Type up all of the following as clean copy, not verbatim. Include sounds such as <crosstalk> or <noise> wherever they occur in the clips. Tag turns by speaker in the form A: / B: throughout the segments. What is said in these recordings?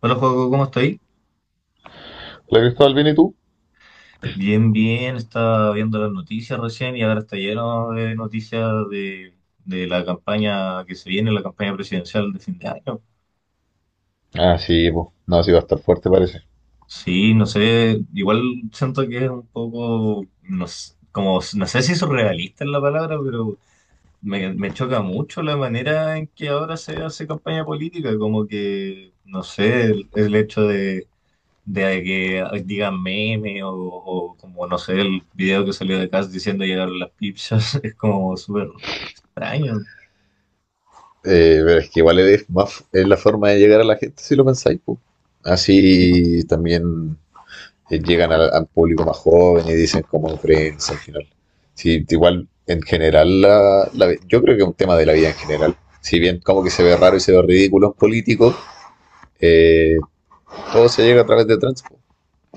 A: Hola, juego, ¿cómo estáis?
B: ¿La Cristóbal viene tú?
A: Bien, bien, estaba viendo las noticias recién y ahora está lleno de noticias de, de la campaña que se viene, la campaña presidencial de fin de año.
B: Ah, sí, pues. No, sí va a estar fuerte, parece.
A: Sí, no sé, igual siento que es un poco, no sé, como, no sé si surrealista es la palabra, pero me choca mucho la manera en que ahora se hace campaña política, como que, no sé, el hecho de que digan meme o como, no sé, el video que salió de Cass diciendo llegaron las pizzas, <laughs> es como súper extraño.
B: Pero es que igual es, más, es la forma de llegar a la gente, si lo pensáis, pues.
A: Y-
B: Así también llegan al, al público más joven y dicen como Friends al final. Sí, igual en general, yo creo que es un tema de la vida en general. Si bien como que se ve raro y se ve ridículo en político, eh, todo se llega a través de trends. Po.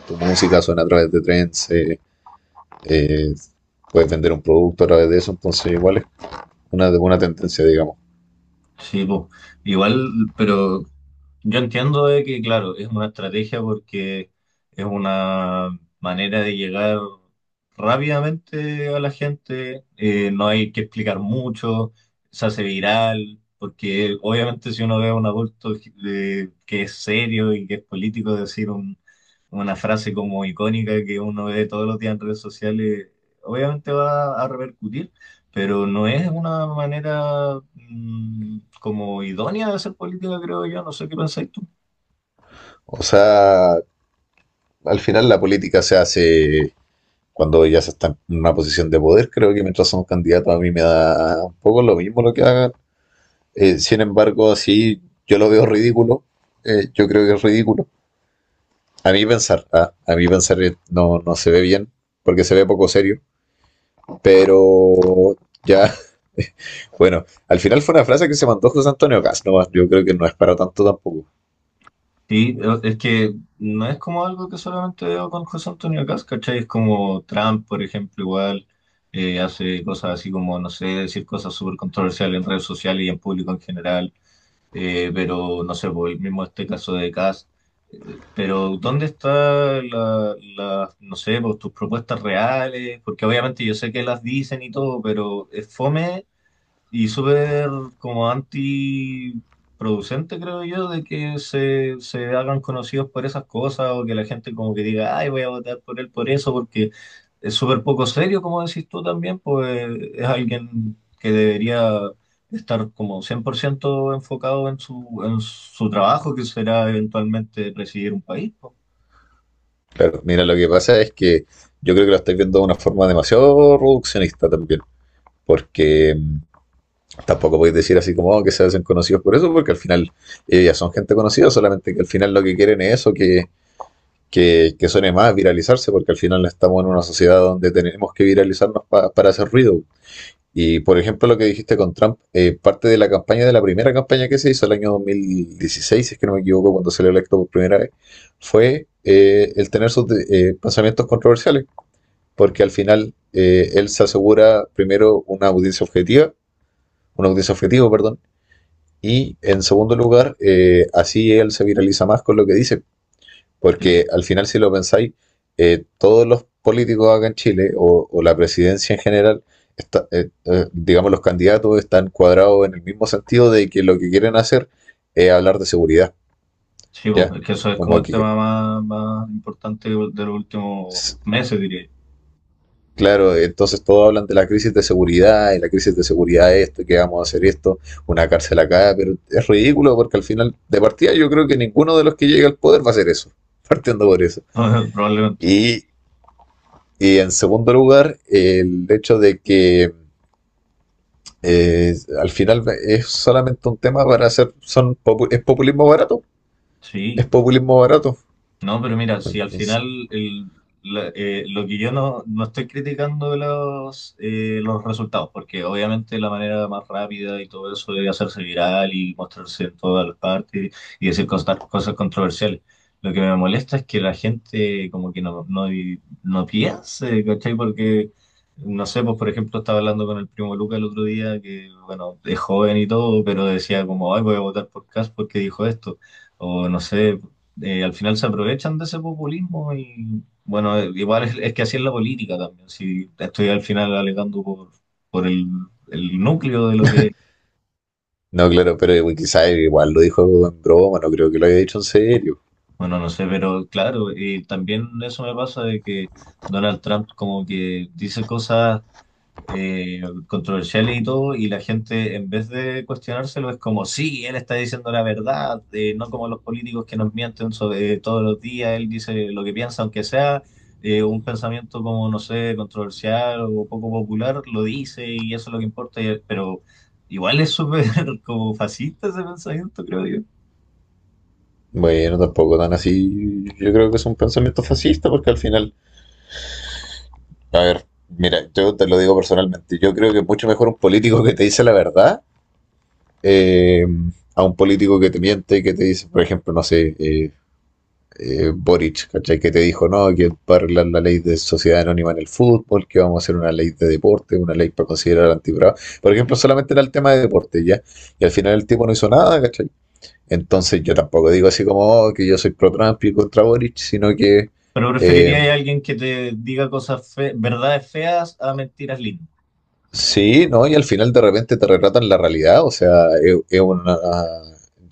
B: Tu música suena a través de trends, eh, puedes vender un producto a través de eso, entonces igual es una tendencia, digamos.
A: Sí, po. Igual, pero yo entiendo de que, claro, es una estrategia porque es una manera de llegar rápidamente a la gente, no hay que explicar mucho, se hace viral, porque obviamente si uno ve a un adulto que es serio y que es político decir una frase como icónica que uno ve todos los días en redes sociales, obviamente va a repercutir, pero no es una manera como idónea de hacer política, creo yo, no sé qué pensáis tú.
B: O sea, al final la política se hace cuando ya se está en una posición de poder, creo que mientras son candidatos a mí me da un poco lo mismo lo que hagan. Sin embargo, así yo lo veo ridículo, yo creo que es ridículo. A mí pensar no, no se ve bien, porque se ve poco serio, pero ya, <laughs> bueno, al final fue una frase que se mandó José Antonio Gas, no, yo creo que no es para tanto tampoco.
A: Sí, es que no es como algo que solamente veo con José Antonio Caz, ¿cachai? Es como Trump, por ejemplo, igual hace cosas así como, no sé, decir cosas súper controversiales en redes sociales y en público en general. Pero no sé, por el mismo este caso de Cass. Pero ¿dónde están no sé, pues, tus propuestas reales? Porque obviamente yo sé que las dicen y todo, pero es fome y súper como antiproducente, creo yo, de que se hagan conocidos por esas cosas o que la gente como que diga, ay, voy a votar por él por eso, porque es súper poco serio, como decís tú también, pues es alguien que debería estar como 100% enfocado en su trabajo, que será eventualmente presidir un país, po.
B: Claro, mira, lo que pasa es que yo creo que lo estáis viendo de una forma demasiado reduccionista también, porque tampoco podéis decir así como "Oh, que se hacen conocidos por eso, porque al final ya son gente conocida, solamente que al final lo que quieren es eso, que suene más, viralizarse, porque al final estamos en una sociedad donde tenemos que viralizarnos para hacer ruido. Y por ejemplo, lo que dijiste con Trump, parte de la campaña, de la primera campaña que se hizo el año 2016, si es que no me equivoco, cuando salió electo por primera vez, fue el tener sus pensamientos controversiales porque al final, él se asegura primero una audiencia objetiva, una audiencia objetivo, perdón, y en segundo lugar, así él se viraliza más con lo que dice,
A: Sí,
B: porque
A: po.
B: al final si lo pensáis, todos los políticos acá en Chile o la presidencia en general, digamos los candidatos están cuadrados en el mismo sentido de que lo que quieren hacer es hablar de seguridad,
A: Sí, po,
B: ¿ya?
A: es que eso es como
B: Como
A: el
B: que
A: tema más, más importante de los últimos meses, diría
B: claro, entonces todos hablan de la crisis de seguridad y la crisis de seguridad esto, que vamos a hacer esto, una cárcel acá, pero es ridículo porque al final de partida yo creo que ninguno de los que llega al poder va a hacer eso, <laughs> partiendo por eso.
A: yo. <laughs> Probablemente.
B: Y, y en segundo lugar, el hecho de que al final es solamente un tema para hacer, son, es populismo barato, es
A: Sí.
B: populismo barato.
A: No, pero mira, si al
B: Entonces,
A: final el- lo que yo no estoy criticando de los resultados, porque obviamente la manera más rápida y todo eso de hacerse viral y mostrarse en todas las partes y decir cosas, cosas controversiales. Lo que me molesta es que la gente como que no piense, ¿cachai? Porque, no sé, pues, por ejemplo, estaba hablando con el primo Luca el otro día, que bueno, es joven y todo, pero decía como, ay, voy a votar por Cas porque dijo esto. O no sé, al final se aprovechan de ese populismo y bueno, igual es que así es la política también. Si estoy al final alegando por el, el núcleo de lo que es,
B: no, claro, pero quizás igual lo dijo en broma, no creo que lo haya dicho en serio.
A: bueno, no sé, pero claro, y también eso me pasa de que Donald Trump como que dice cosas eh, controversiales y todo, y la gente en vez de cuestionárselo es como, sí, él está diciendo la verdad, no como los políticos que nos mienten sobre, todos los días, él dice lo que piensa, aunque sea un pensamiento como, no sé, controversial o poco popular, lo dice y eso es lo que importa, pero igual es súper <laughs> como fascista ese pensamiento, creo yo.
B: Bueno, tampoco tan así. Yo creo que es un pensamiento fascista porque al final, a ver, mira, yo te lo digo personalmente, yo creo que es mucho mejor un político que te dice la verdad, eh, a un político que te miente y que te dice, por ejemplo, no sé, Boric, ¿cachai? Que te dijo, no, que va a arreglar la ley de sociedad anónima en el fútbol, que vamos a hacer una ley de deporte, una ley para considerar antibravo. Por ejemplo, solamente era el tema de deporte, ¿ya? Y al final el tipo no hizo nada, ¿cachai? Entonces yo tampoco digo así como oh, que yo soy pro Trump y contra Boric, sino que
A: Pero
B: eh,
A: preferiría a alguien que te diga cosas verdades feas a mentiras lindas.
B: sí, ¿no? Y al final de repente te retratan la realidad, o sea, es una...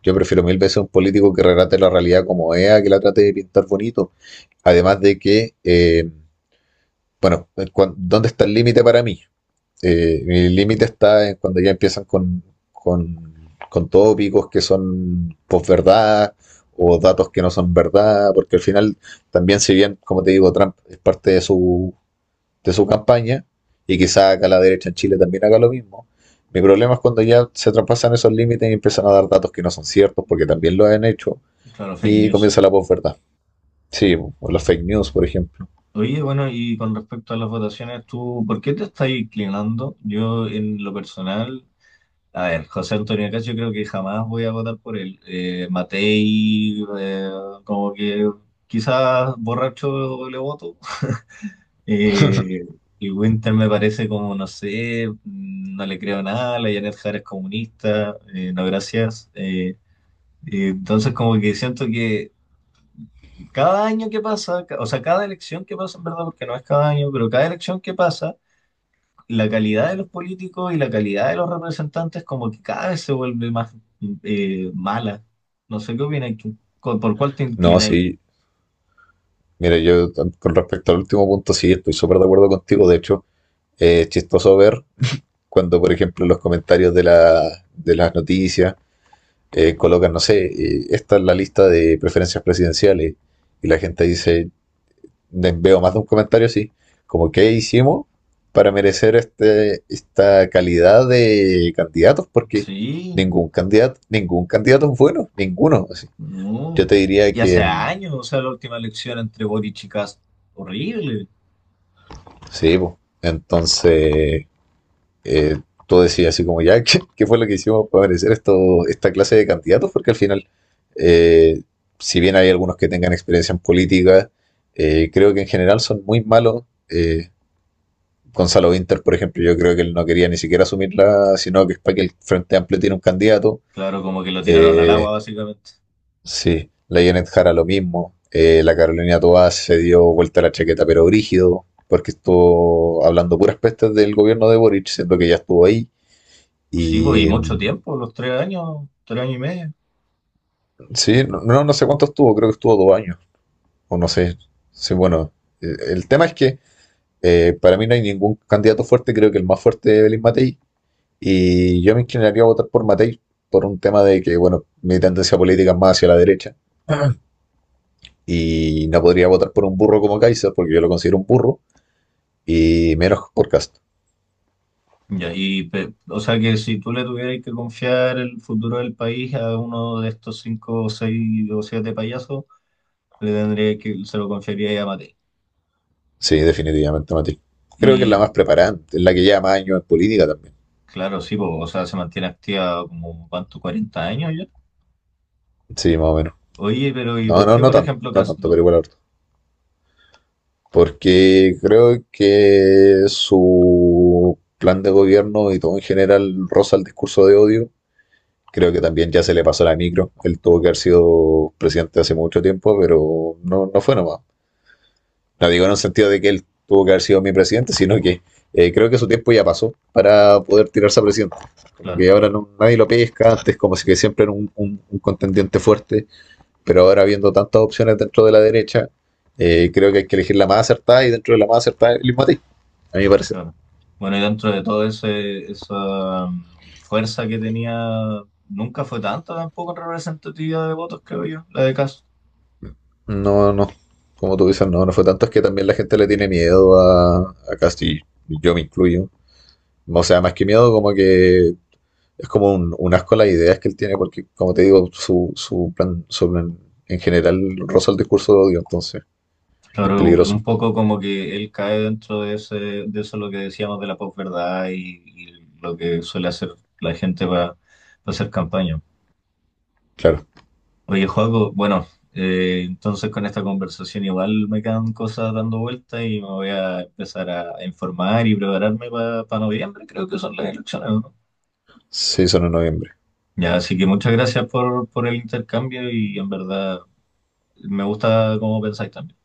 B: Yo prefiero mil veces un político que retrate la realidad como es, a que la trate de pintar bonito. Además de que, bueno, ¿dónde está el límite para mí? Mi límite está en cuando ya empiezan con, con tópicos que son posverdad o datos que no son verdad, porque al final también si bien, como te digo, Trump es parte de su campaña y quizá acá la derecha en Chile también haga lo mismo. Mi problema es cuando ya se traspasan esos límites y empiezan a dar datos que no son ciertos, porque también lo han hecho,
A: Claro, fake
B: y
A: news.
B: comienza la posverdad. Sí, o las fake news, por ejemplo.
A: Oye, bueno, y con respecto a las votaciones, ¿tú por qué te estás inclinando? Yo, en lo personal, a ver, José Antonio Caz, yo creo que jamás voy a votar por él. Matei, como que quizás borracho le voto. <laughs> Eh, y Winter me parece como, no sé, no le creo nada, la Janet Jara es comunista, no gracias. Y entonces como que siento que cada año que pasa, o sea, cada elección que pasa, en verdad, porque no es cada año, pero cada elección que pasa, la calidad de los políticos y la calidad de los representantes como que cada vez se vuelve más mala. No sé qué opinas tú. ¿Por cuál te
B: No,
A: inclináis?
B: sí, mira, yo con respecto al último punto, sí, estoy súper de acuerdo contigo. De hecho, es chistoso ver cuando, por ejemplo, los comentarios de las noticias colocan, no sé, esta es la lista de preferencias presidenciales y la gente dice, veo más de un comentario así, como qué hicimos para merecer este, esta calidad de candidatos, porque
A: Sí,
B: ningún candidato es bueno, ninguno. Así. Yo
A: no.
B: te diría
A: Y
B: que
A: hace años, o sea, la última elección entre Boric y Kast, horrible.
B: sí, po. Entonces eh, tú decías así como ya, <laughs> ¿qué, qué fue lo que hicimos para merecer esto, esta clase de candidatos? Porque al final, eh, si bien hay algunos que tengan experiencia en política, creo que en general son muy malos. Eh, Gonzalo Winter, por ejemplo, yo creo que él no quería ni siquiera asumirla, sino que es para que el Frente Amplio tiene un candidato.
A: Claro, como que lo tiraron al agua,
B: Eh,
A: básicamente.
B: sí, la Janet Jara lo mismo. La Carolina Toá se dio vuelta a la chaqueta, pero brígido, porque estuvo hablando puras pestes del gobierno de Boric, siendo que ya estuvo ahí.
A: Sí, pues, y
B: Y
A: mucho tiempo, los 3 años, 3 años y medio.
B: sí, no, no, no sé cuánto estuvo, creo que estuvo 2 años, o no sé. Sí, bueno, el tema es que para mí no hay ningún candidato fuerte, creo que el más fuerte es Belín Matei, y yo me inclinaría a votar por Matei por un tema de que, bueno, mi tendencia política es más hacia la derecha, y no podría votar por un burro como Kaiser, porque yo lo considero un burro, y menos por Cast.
A: Ya, o sea que si tú le tuvieras que confiar el futuro del país a uno de estos cinco, seis o siete payasos, se lo confiaría a Mate.
B: Sí, definitivamente Matei. Creo que es la
A: Y
B: más preparada, es la que lleva más años en política también.
A: claro, sí, po, o sea, se mantiene activa como, ¿cuánto? ¿40 años ya?
B: Sí, más o menos.
A: Oye, pero ¿y
B: No,
A: por
B: no,
A: qué,
B: no
A: por
B: tanto,
A: ejemplo,
B: no
A: Cas
B: tanto, pero
A: no?
B: igual ahora. Porque creo que su plan de gobierno y todo en general roza el discurso de odio. Creo que también ya se le pasó la micro. Él tuvo que haber sido presidente hace mucho tiempo, pero no, no fue nomás. No digo en el sentido de que él tuvo que haber sido mi presidente, sino que creo que su tiempo ya pasó para poder tirarse a presidente. Como
A: Claro,
B: que ahora no, nadie lo pesca, antes como si que siempre era un contendiente fuerte. Pero ahora viendo tantas opciones dentro de la derecha, creo que hay que elegir la más acertada y dentro de la más acertada el mismo a ti, a mi parecer.
A: claro. Bueno, y dentro de todo esa fuerza que tenía, nunca fue tanta tampoco en representatividad de votos, creo yo, la de Cas.
B: No, no, como tú dices, no, no fue tanto, es que también la gente le tiene miedo a Castillo, yo me incluyo. O sea, más que miedo, como que es como un asco las ideas que él tiene, porque como te digo, su, su plan en general roza el discurso de odio, entonces es
A: Claro,
B: peligroso,
A: un poco como que él cae dentro de de eso lo que decíamos de la posverdad y lo que suele hacer la gente para hacer campaña.
B: claro.
A: Oye, Joaco, bueno, entonces con esta conversación igual me quedan cosas dando vueltas y me voy a empezar a informar y prepararme para noviembre, creo que son las elecciones, ¿no?
B: Sí, son en noviembre.
A: Ya, así que muchas gracias por el intercambio y en verdad me gusta cómo pensáis también.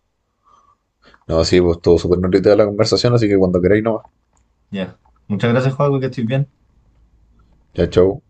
B: No, sí, pues estuvo súper nutrida la conversación, así que cuando queráis no.
A: Ya, muchas gracias, Joaco, que estés bien.
B: Ya, chau.